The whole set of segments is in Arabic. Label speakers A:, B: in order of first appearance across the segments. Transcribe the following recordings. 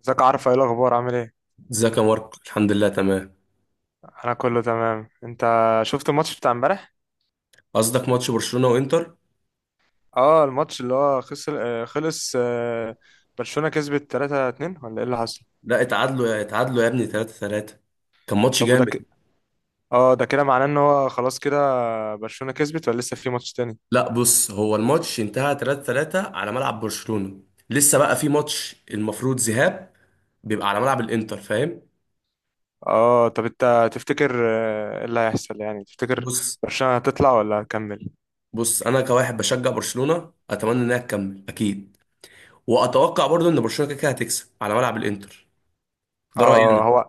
A: ازيك؟ عارف ايه الاخبار؟ عامل ايه؟
B: ازيك يا ماركو، الحمد لله تمام.
A: انا كله تمام. انت شفت الماتش بتاع امبارح؟
B: قصدك ماتش برشلونة وانتر؟
A: اه الماتش اللي هو خسر خلص برشلونة كسبت 3-2 ولا ايه اللي حصل؟
B: لا، اتعادلوا يا ابني، 3 3. كان ماتش
A: طب وده
B: جامد.
A: ك... اه ده كده معناه ان هو خلاص كده برشلونة كسبت ولا لسه في ماتش تاني؟
B: لا بص، هو الماتش انتهى 3 3 على ملعب برشلونة. لسه بقى في ماتش المفروض ذهاب، بيبقى على ملعب الانتر، فاهم.
A: اه طب انت تفتكر ايه اللي هيحصل يعني؟ تفتكر
B: بص.
A: برشلونة هتطلع ولا هتكمل؟
B: بص انا كواحد بشجع برشلونة، اتمنى انها تكمل اكيد. واتوقع برضو ان برشلونة كده كده هتكسب على ملعب الانتر. ده رأيي
A: اه
B: انا.
A: هو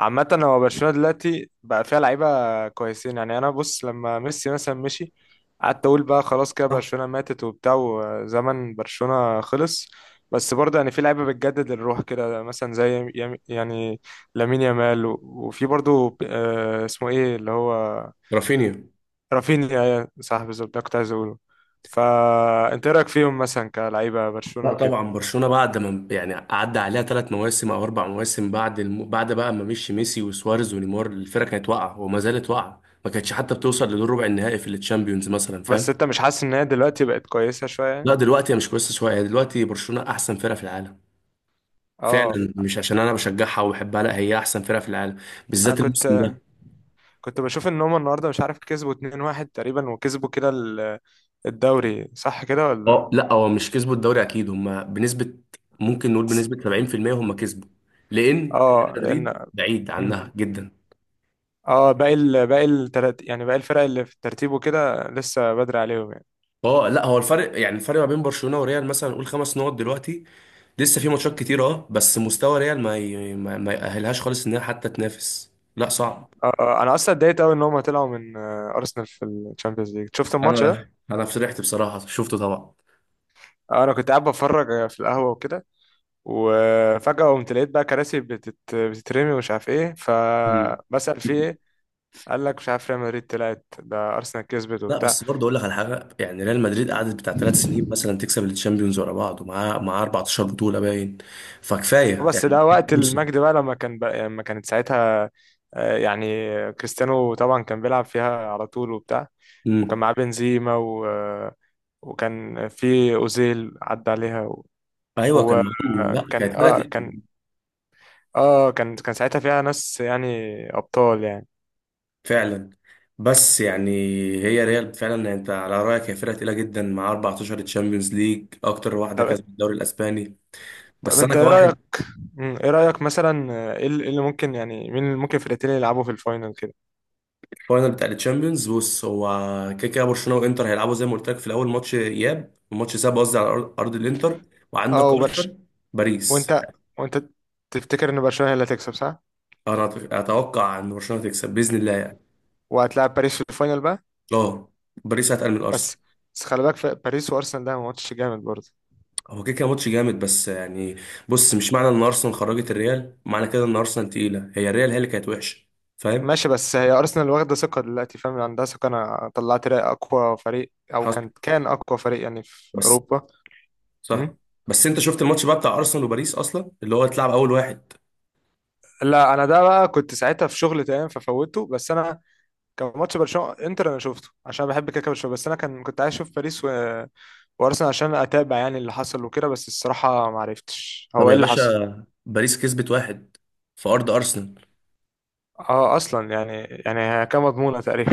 A: عامة هو برشلونة دلوقتي بقى فيها لعيبة كويسين، يعني أنا بص لما ميسي مثلا مشي قعدت أقول بقى خلاص كده
B: صح.
A: برشلونة ماتت وبتاع وزمن برشلونة خلص. بس برضه يعني في لعيبة بتجدد الروح كده، مثلا يعني لامين يامال وفي برضه اسمه إيه اللي هو؟
B: رافينيا.
A: رافينيا، صح بالظبط ده كنت عايز أقوله. فأنت إيه رأيك فيهم مثلا كلعيبة
B: لا
A: برشلونة وكده؟
B: طبعا، برشلونه بعد ما يعني عدى عليها 3 مواسم او 4 مواسم، بعد بقى ما مشي ميسي وسواريز ونيمار، الفرقه كانت واقعه وما زالت واقعه، ما كانتش حتى بتوصل لدور ربع النهائي في التشامبيونز مثلا،
A: بس
B: فاهم.
A: أنت مش حاسس إن هي دلوقتي بقت كويسة شوية يعني؟
B: لا دلوقتي هي مش كويسه شويه، هي دلوقتي برشلونه احسن فرقه في العالم.
A: اه
B: فعلا، مش عشان انا بشجعها وبحبها، لا هي احسن فرقه في العالم،
A: انا
B: بالذات الموسم
A: كنت
B: ده.
A: كنت بشوف ان هم النهارده مش عارف كسبوا 2-1 تقريبا، وكسبوا كده الدوري، صح كده ولا؟
B: اه لا هو مش كسبوا الدوري اكيد، هم بنسبه ممكن نقول بنسبه 70% هم كسبوا، لان ريال
A: اه لان
B: مدريد بعيد
A: مم.
B: عنها جدا.
A: اه باقي التلات، يعني باقي الفرق اللي في الترتيب وكده لسه بدري عليهم يعني.
B: اه لا هو الفرق، يعني الفرق ما بين برشلونة وريال مثلا نقول 5 نقط دلوقتي. لسه في ماتشات كتير، اه بس مستوى ريال ما ي... ما, ما يأهلهاش خالص انها حتى تنافس، لا صعب.
A: انا اصلا اتضايقت قوي ان هم طلعوا من ارسنال في الشامبيونز ليج. شفت الماتش ده؟
B: انا فرحت بصراحة، شفته طبعا.
A: انا كنت قاعد بتفرج في القهوه وكده، وفجاه قمت لقيت بقى كراسي بتترمي ومش عارف ايه،
B: مم.
A: فبسأل في ايه؟ قال لك مش عارف ريال مدريد طلعت ده ارسنال كسبت.
B: لا بس برضه اقول لك على حاجة، يعني ريال مدريد قعدت بتاع 3 سنين
A: وبتاع
B: مثلا تكسب الشامبيونز ورا بعض، ومعاه 14 بطولة باين. فكفاية
A: بس
B: يعني.
A: ده وقت
B: فرصة.
A: المجد بقى لما كان لما كانت ساعتها، يعني كريستيانو طبعا كان بيلعب فيها على طول وبتاع، وكان
B: امم.
A: معاه بنزيما و وكان في أوزيل عدى عليها
B: ايوه
A: هو
B: كان معاهم،
A: آه،
B: لا
A: كان
B: كانت فرقة.
A: اه كان اه كان كان ساعتها فيها ناس، يعني أبطال يعني.
B: فعلا. بس يعني، هي ريال فعلا، يعني انت على رايك هي فرقه تقيله جدا، مع 14 تشامبيونز ليج، اكتر واحده
A: طب
B: كسبت الدوري الاسباني.
A: طب
B: بس انا
A: انت ايه
B: كواحد.
A: رأيك؟ ايه رأيك مثلا؟ آه، ايه اللي إيه اللي ممكن يعني مين اللي ممكن فرقتين اللي يلعبوا في الفاينل كده؟
B: فاينل بتاع التشامبيونز، بص هو كده كده برشلونه وانتر هيلعبوا، زي ما قلت لك في الاول ماتش اياب وماتش ساب، قصدي على أرض الانتر.
A: اه
B: وعندك
A: وبرشلونة.
B: ارسنال. باريس.
A: وانت وانت تفتكر ان برشلونة هي اللي هتكسب، صح؟
B: انا اتوقع ان برشلونه تكسب باذن الله يعني.
A: وهتلاعب باريس في الفاينل بقى؟
B: اه باريس هتقل من ارسنال.
A: بس بس خلي بالك في باريس وارسنال، ده ماتش جامد برضه.
B: هو كده كده ماتش جامد بس يعني. بص، مش معنى ان ارسنال خرجت الريال، معنى كده ان ارسنال تقيله، هي الريال هي اللي كانت وحشه، فاهم.
A: ماشي بس هي ارسنال واخده ثقه دلوقتي، فاهم؟ يعني عندها ثقه. انا طلعت رأي اقوى فريق، او
B: حصل.
A: كان اقوى فريق يعني في
B: بس.
A: اوروبا.
B: صح.
A: أمم.
B: بس انت شفت الماتش بقى بتاع ارسنال وباريس اصلا اللي هو اتلعب اول واحد؟
A: لا انا ده بقى كنت ساعتها في شغل تمام ففوته، بس انا كان ماتش برشلونه انتر انا شفته عشان بحب كده كده برشلونه، بس انا كنت عايز اشوف باريس وارسنال عشان اتابع يعني اللي حصل وكده، بس الصراحه ما عرفتش
B: طب
A: هو ايه
B: يا
A: اللي حصل.
B: باشا، باريس كسبت واحد في ارض ارسنال.
A: اه اصلا يعني، يعني هي كان مضمونه تقريبا.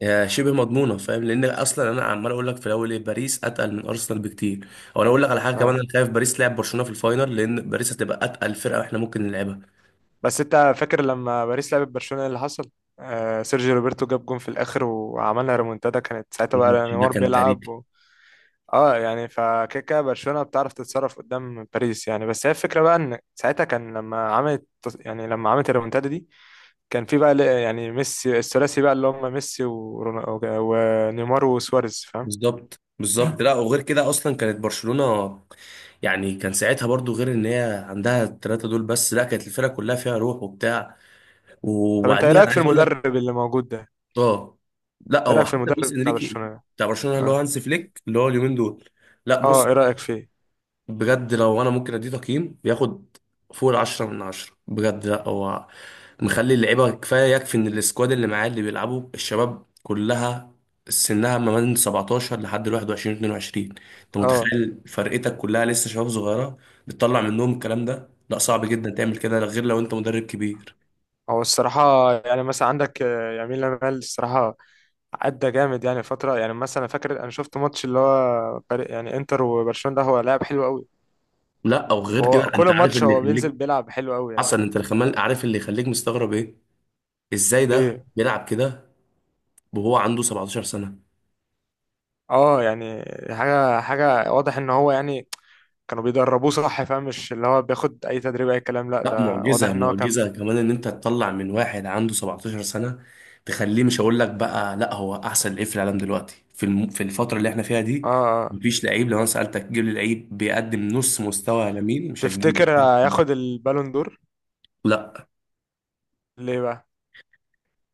B: يا شبه مضمونه فاهم، لان اصلا انا عمال اقول لك في الاول، ايه باريس اتقل من ارسنال بكتير. او انا اقول لك على حاجه كمان،
A: آه.
B: انا خايف باريس لعب برشلونه في الفاينل، لان باريس هتبقى اتقل فرقه احنا ممكن نلعبها.
A: بس انت فاكر لما باريس لعبت برشلونة إيه اللي حصل؟ آه سيرجيو روبرتو جاب جون في الاخر وعملنا ريمونتادا، كانت ساعتها بقى
B: الماتش ده
A: نيمار
B: كان
A: بيلعب
B: تاريخي.
A: اه يعني فكده كده برشلونة بتعرف تتصرف قدام باريس يعني، بس هي الفكرة بقى ان ساعتها كان لما عملت، يعني لما عملت الريمونتادا دي كان في بقى يعني ميسي الثلاثي بقى اللي هم ميسي ونيمار وسواريز، فاهم؟
B: بالظبط بالظبط، لا وغير كده اصلا كانت برشلونه، يعني كان ساعتها برضو غير ان هي عندها الثلاثه دول، بس لا كانت الفرقه كلها فيها روح وبتاع.
A: طب انت ايه
B: وبعديها
A: رأيك
B: انا
A: في
B: عايز اقول لك.
A: المدرب اللي موجود ده؟
B: اه لا
A: ايه
B: هو
A: رأيك في
B: حتى لويس
A: المدرب بتاع
B: انريكي.
A: برشلونة؟
B: بتاع برشلونه اللي هو
A: اه
B: هانس فليك اللي هو اليومين دول. لا
A: اه
B: بص.
A: ايه رأيك فيه؟
B: بجد لو انا ممكن اديه تقييم، بياخد فوق العشرة من عشرة بجد. لا هو مخلي اللعيبة، كفاية يكفي ان السكواد اللي معاه اللي بيلعبوا الشباب كلها سنها ما بين 17 لحد 21 22. انت
A: اه
B: متخيل فرقتك كلها لسه شباب صغيرة بتطلع منهم الكلام ده؟ لا صعب جدا تعمل كده غير لو انت مدرب كبير.
A: هو الصراحة يعني مثلا عندك يمين لامال، الصراحة أدى جامد يعني فترة، يعني مثلا فاكر أنا شفت ماتش اللي هو فريق يعني إنتر وبرشلونة، ده هو لاعب حلو أوي.
B: لا او غير كده،
A: وهو
B: انت
A: كل
B: عارف
A: ماتش
B: اللي
A: هو بينزل
B: يخليك.
A: بيلعب حلو أوي يعني،
B: حصل.
A: فاهم؟
B: انت الخمال عارف اللي يخليك مستغرب ايه؟ ازاي ده
A: إيه
B: بيلعب كده وهو عنده 17 سنة.
A: أه يعني حاجة حاجة واضح إن هو يعني كانوا بيدربوه، صح فاهم؟ مش اللي هو بياخد أي تدريب أي كلام، لأ
B: لا
A: ده واضح
B: معجزة
A: إن هو كان
B: معجزة كمان ان انت تطلع من واحد عنده 17 سنة تخليه، مش هقول لك بقى لا هو احسن لعيب في العالم دلوقتي، في الفترة اللي احنا فيها دي.
A: أه. أه
B: مفيش لعيب لو انا سألتك جيب لي لعيب بيقدم نص مستوى لامين مش
A: تفتكر
B: هتجيب.
A: هياخد البالون دور؟
B: لا.
A: ليه بقى؟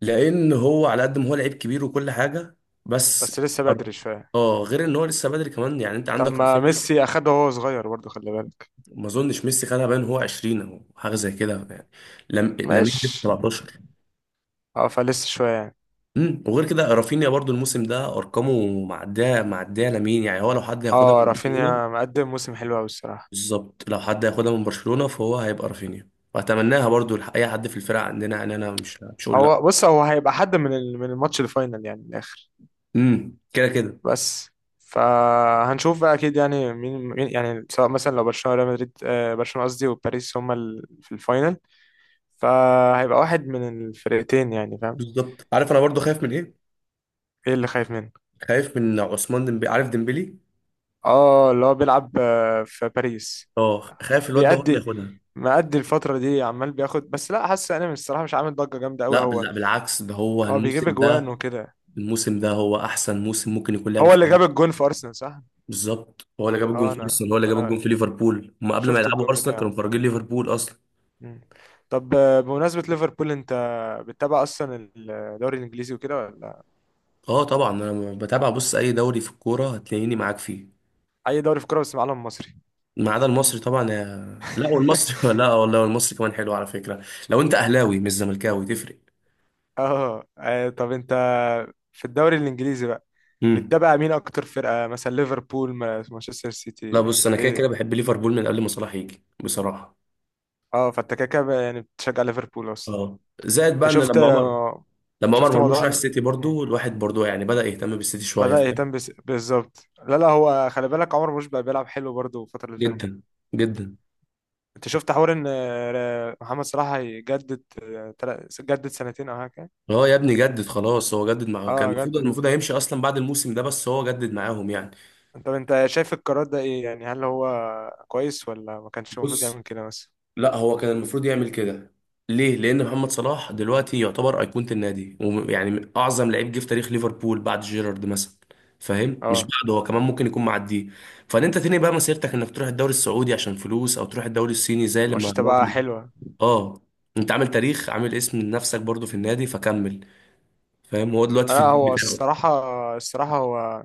B: لان هو على قد ما هو لعيب كبير وكل حاجة، بس
A: بس لسه
B: أر-
A: بدري شوية.
B: اه غير ان هو لسه بدري كمان، يعني انت
A: طب
B: عندك
A: ما
B: رافينيا.
A: ميسي أخده وهو صغير برضه خلي بالك.
B: ما اظنش ميسي خدها، باين هو 20 او حاجة زي كده يعني. لم... لامين لسه
A: ماشي
B: 17.
A: اه فلسه شويه يعني.
B: وغير كده رافينيا برضو الموسم ده ارقامه معديه معديه لمين، يعني هو لو حد هياخدها
A: اه
B: من برشلونه.
A: رافينيا مقدم موسم حلو قوي الصراحه.
B: بالظبط، لو حد هياخدها من برشلونه فهو هيبقى رافينيا، واتمناها برضو اي حد في الفرقه عندنا، يعني انا مش هقول لا.
A: هو بص هو هيبقى حد من من الماتش الفاينل يعني من الاخر.
B: كده كده.
A: بس فهنشوف بقى اكيد يعني مين يعني، سواء مثلا لو برشلونه ريال مدريد آه برشلونه قصدي وباريس هما في الفاينل، فهيبقى واحد من الفرقتين يعني، فاهم؟
B: بالظبط، عارف انا برضو خايف من ايه؟
A: ايه اللي خايف منه؟
B: خايف من عثمان ديمبلي، عارف ديمبلي.
A: اه اللي هو بيلعب في باريس.
B: اه خايف الواد ده هو اللي
A: بيأدي
B: ياخدها.
A: مأدي الفترة دي عمال بياخد، بس لا حاسس انا من الصراحة مش عامل ضجة جامدة قوي
B: لا
A: هو.
B: بالعكس، ده هو
A: هو بيجيب
B: الموسم
A: اجوان
B: ده،
A: وكده.
B: الموسم ده هو احسن موسم ممكن يكون لعبه
A: هو
B: في
A: اللي جاب
B: حياته.
A: الجون في ارسنال، صح؟
B: بالظبط، هو اللي جاب الجون
A: اه
B: في
A: انا
B: ارسنال، هو اللي جاب الجون في ليفربول، هم قبل ما
A: شفت
B: يلعبوا
A: الجون
B: ارسنال كانوا
A: بتاعه.
B: مفرجين ليفربول اصلا.
A: مم. طب بمناسبة ليفربول انت بتتابع اصلا الدوري الانجليزي وكده ولا؟
B: اه طبعا انا بتابع، بص اي دوري في الكوره هتلاقيني معاك فيه.
A: اي دوري في كوره بس معلم مصري.
B: ما عدا المصري طبعا، لا والمصري لا والله المصري كمان حلو على فكره. لو انت اهلاوي مش زملكاوي تفرق.
A: اه طب انت في الدوري الانجليزي بقى
B: امم.
A: بتتابع مين اكتر فرقة، مثلا ليفربول مانشستر
B: لا
A: سيتي؟
B: بص انا كده كده
A: ايه
B: بحب ليفربول من قبل ما صلاح يجي بصراحه.
A: اه فانت كده كده بقى يعني بتشجع ليفربول اصلا.
B: اه زائد
A: انت
B: بقى ان
A: شفت
B: لما عمر
A: شفت
B: مرموش
A: موضوع
B: راح السيتي، برضو الواحد برضو يعني بدأ يهتم بالسيتي شويه،
A: بدأ
B: فاهم.
A: يهتم بالظبط. لا لا هو خلي بالك عمر مرموش بقى بيلعب حلو برضه الفترة اللي فاتت دي.
B: جدا. جدا.
A: انت شفت حوار ان محمد صلاح هيجدد جدد سنتين او حاجة؟
B: اه يا ابني جدد خلاص، هو جدد معاه، كان
A: اه
B: المفروض
A: جدد.
B: هيمشي اصلا بعد الموسم ده، بس هو جدد معاهم يعني.
A: انت شايف القرار ده ايه يعني؟ هل هو كويس ولا ما كانش المفروض
B: بص.
A: يعمل كده مثلا؟
B: لا هو كان المفروض يعمل كده. ليه؟ لان محمد صلاح دلوقتي يعتبر ايقونه النادي، ويعني اعظم لعيب جه في تاريخ ليفربول بعد جيرارد مثلا، فاهم. مش
A: اه
B: بعده، هو كمان ممكن يكون معديه. فان انت تاني بقى مسيرتك انك تروح الدوري السعودي عشان فلوس، او تروح الدوري الصيني زي
A: مش
B: لما معظم.
A: تبقى حلوة.
B: اه، انت عامل تاريخ، عامل اسم لنفسك برضو في النادي فكمل، فاهم. هو دلوقتي في
A: لا
B: البيت
A: هو
B: بتاعه.
A: الصراحة، الصراحة هو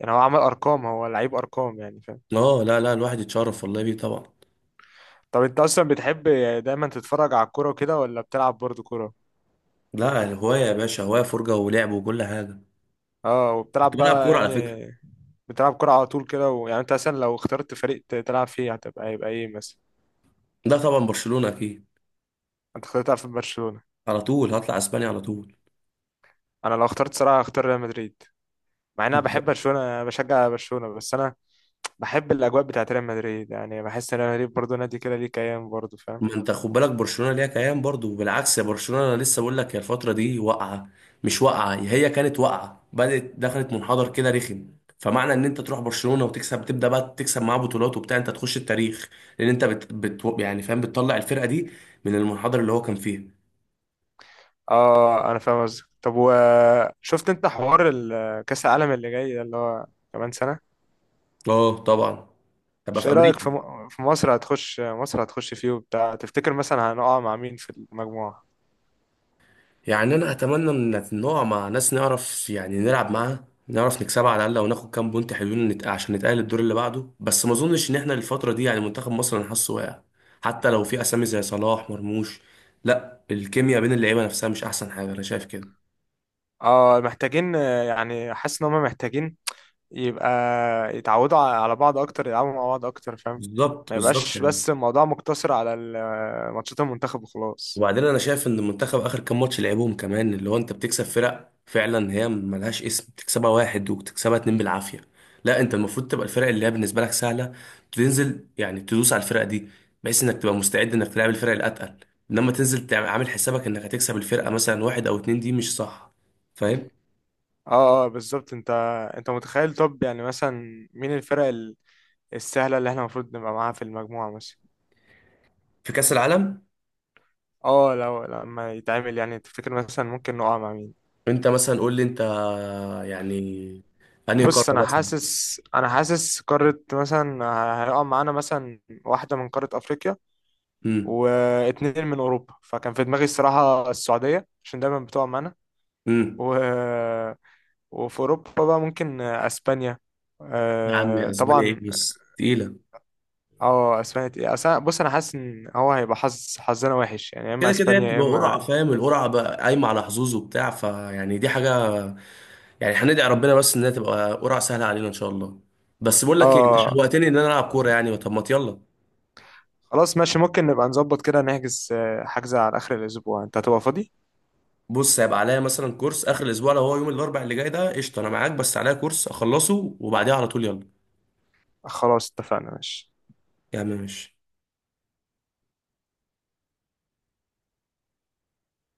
A: يعني هو عمل ارقام، هو لعيب ارقام يعني، فاهم؟
B: اه لا، لا، الواحد يتشرف والله بيه طبعا.
A: طب انت اصلا بتحب دايما تتفرج على الكورة وكده، ولا بتلعب برضه كورة؟
B: لا هوايه يا باشا، هوايه فرجه ولعب وكل حاجه.
A: اه
B: كنت
A: وبتلعب
B: بلعب
A: بقى
B: كوره على
A: يعني؟
B: فكره.
A: بتلعب كرة على طول كده؟ ويعني انت مثلا لو اخترت فريق تلعب فيه هتبقى هيبقى ايه مثلا؟
B: ده طبعا برشلونه اكيد.
A: انت اخترت تلعب في برشلونة.
B: على طول هطلع اسبانيا على طول.
A: انا لو اخترت صراحة هختار ريال مدريد، مع ان انا بحب برشلونة، أنا بشجع برشلونة، بس انا بحب الاجواء بتاعت ريال مدريد يعني، بحس ان ريال مدريد برضه نادي كده ليه كيان برضه، فاهم؟
B: ما انت خد بالك، برشلونه ليها كيان برضو، بالعكس، يا برشلونه، انا لسه بقول لك هي الفتره دي واقعه، مش واقعه، هي كانت واقعه، بدات دخلت منحدر كده رخم. فمعنى ان انت تروح برشلونه وتكسب، تبدا بقى تكسب معاه بطولات وبتاع، انت تخش التاريخ. لان انت يعني فاهم بتطلع الفرقه دي من المنحدر اللي هو كان فيه.
A: اه انا فاهم قصدك. طب وشفت انت حوار كأس العالم اللي جاي ده اللي هو كمان سنة؟
B: اه طبعا. تبقى
A: مش
B: في
A: ايه رأيك في
B: امريكا.
A: في مصر هتخش؟ مصر هتخش فيه وبتاع؟ تفتكر مثلا هنقع مع مين في المجموعة؟
B: يعني انا اتمنى ان نقع مع ناس نعرف يعني نلعب معاها، نعرف نكسبها على الاقل وناخد كام بونت حلوين، عشان نتاهل الدور اللي بعده. بس ما اظنش ان احنا الفتره دي، يعني منتخب مصر انا حاسه واقع، حتى لو في اسامي زي صلاح مرموش. لا الكيمياء بين اللعيبه نفسها مش احسن حاجه، انا شايف كده.
A: اه محتاجين، يعني حاسس ان هم محتاجين يبقى يتعودوا على بعض اكتر، يلعبوا مع بعض اكتر فاهم؟
B: بالظبط
A: ما
B: بالظبط
A: يبقاش
B: يعني.
A: بس الموضوع مقتصر على ماتشات المنتخب وخلاص.
B: وبعدين انا شايف ان المنتخب اخر كام ماتش لعبوهم كمان، اللي هو انت بتكسب فرق فعلا هي ملهاش اسم، بتكسبها واحد وبتكسبها اتنين بالعافيه. لا انت المفروض تبقى الفرق اللي هي بالنسبه لك سهله، تنزل يعني تدوس على الفرق دي، بحيث انك تبقى مستعد انك تلعب الفرق الاتقل. انما تنزل عامل حسابك انك هتكسب الفرقه مثلا واحد او اتنين، دي مش صح، فاهم.
A: اه اه بالظبط. انت متخيل طب يعني مثلا مين السهلة اللي احنا المفروض نبقى معاها في المجموعة مثلا؟
B: في كاس العالم.
A: اه لو لما يتعمل يعني تفتكر مثلا ممكن نقع مع مين؟
B: انت مثلا قول لي انت، يعني انهي قاره
A: بص انا
B: مثلا.
A: حاسس، انا حاسس قارة مثلا هيقع معانا مثلا واحدة من قارة افريقيا
B: امم.
A: واتنين من اوروبا. فكان في دماغي الصراحة السعودية عشان دايما بتقع معانا.
B: امم.
A: و... وفي اوروبا بقى ممكن اسبانيا.
B: يا عم، يا اسبانيا ايه،
A: طبعا
B: بس تقيله.
A: اه اسبانيا تقيلة. بص انا حاسس ان هو هيبقى حظنا وحش يعني، يا اما
B: كده كده هي
A: اسبانيا يا
B: بتبقى قرعه،
A: اما.
B: فاهم، القرعه بقى قايمه على حظوظ وبتاع، فيعني دي حاجه، يعني هندعي ربنا بس انها تبقى قرعه سهله علينا ان شاء الله. بس بقول لك ايه، انت
A: اه
B: شوقتني ان انا العب كوره يعني، طب ما يلا.
A: خلاص ماشي، ممكن نبقى نظبط كده نحجز، حجز على اخر الاسبوع انت هتبقى فاضي؟
B: بص، هيبقى عليا مثلا كورس اخر الاسبوع، لو هو يوم الاربع اللي جاي ده قشطه، انا معاك، بس عليا كورس اخلصه وبعديها على طول يلا.
A: خلاص اتفقنا ماشي.
B: يا عم ماشي.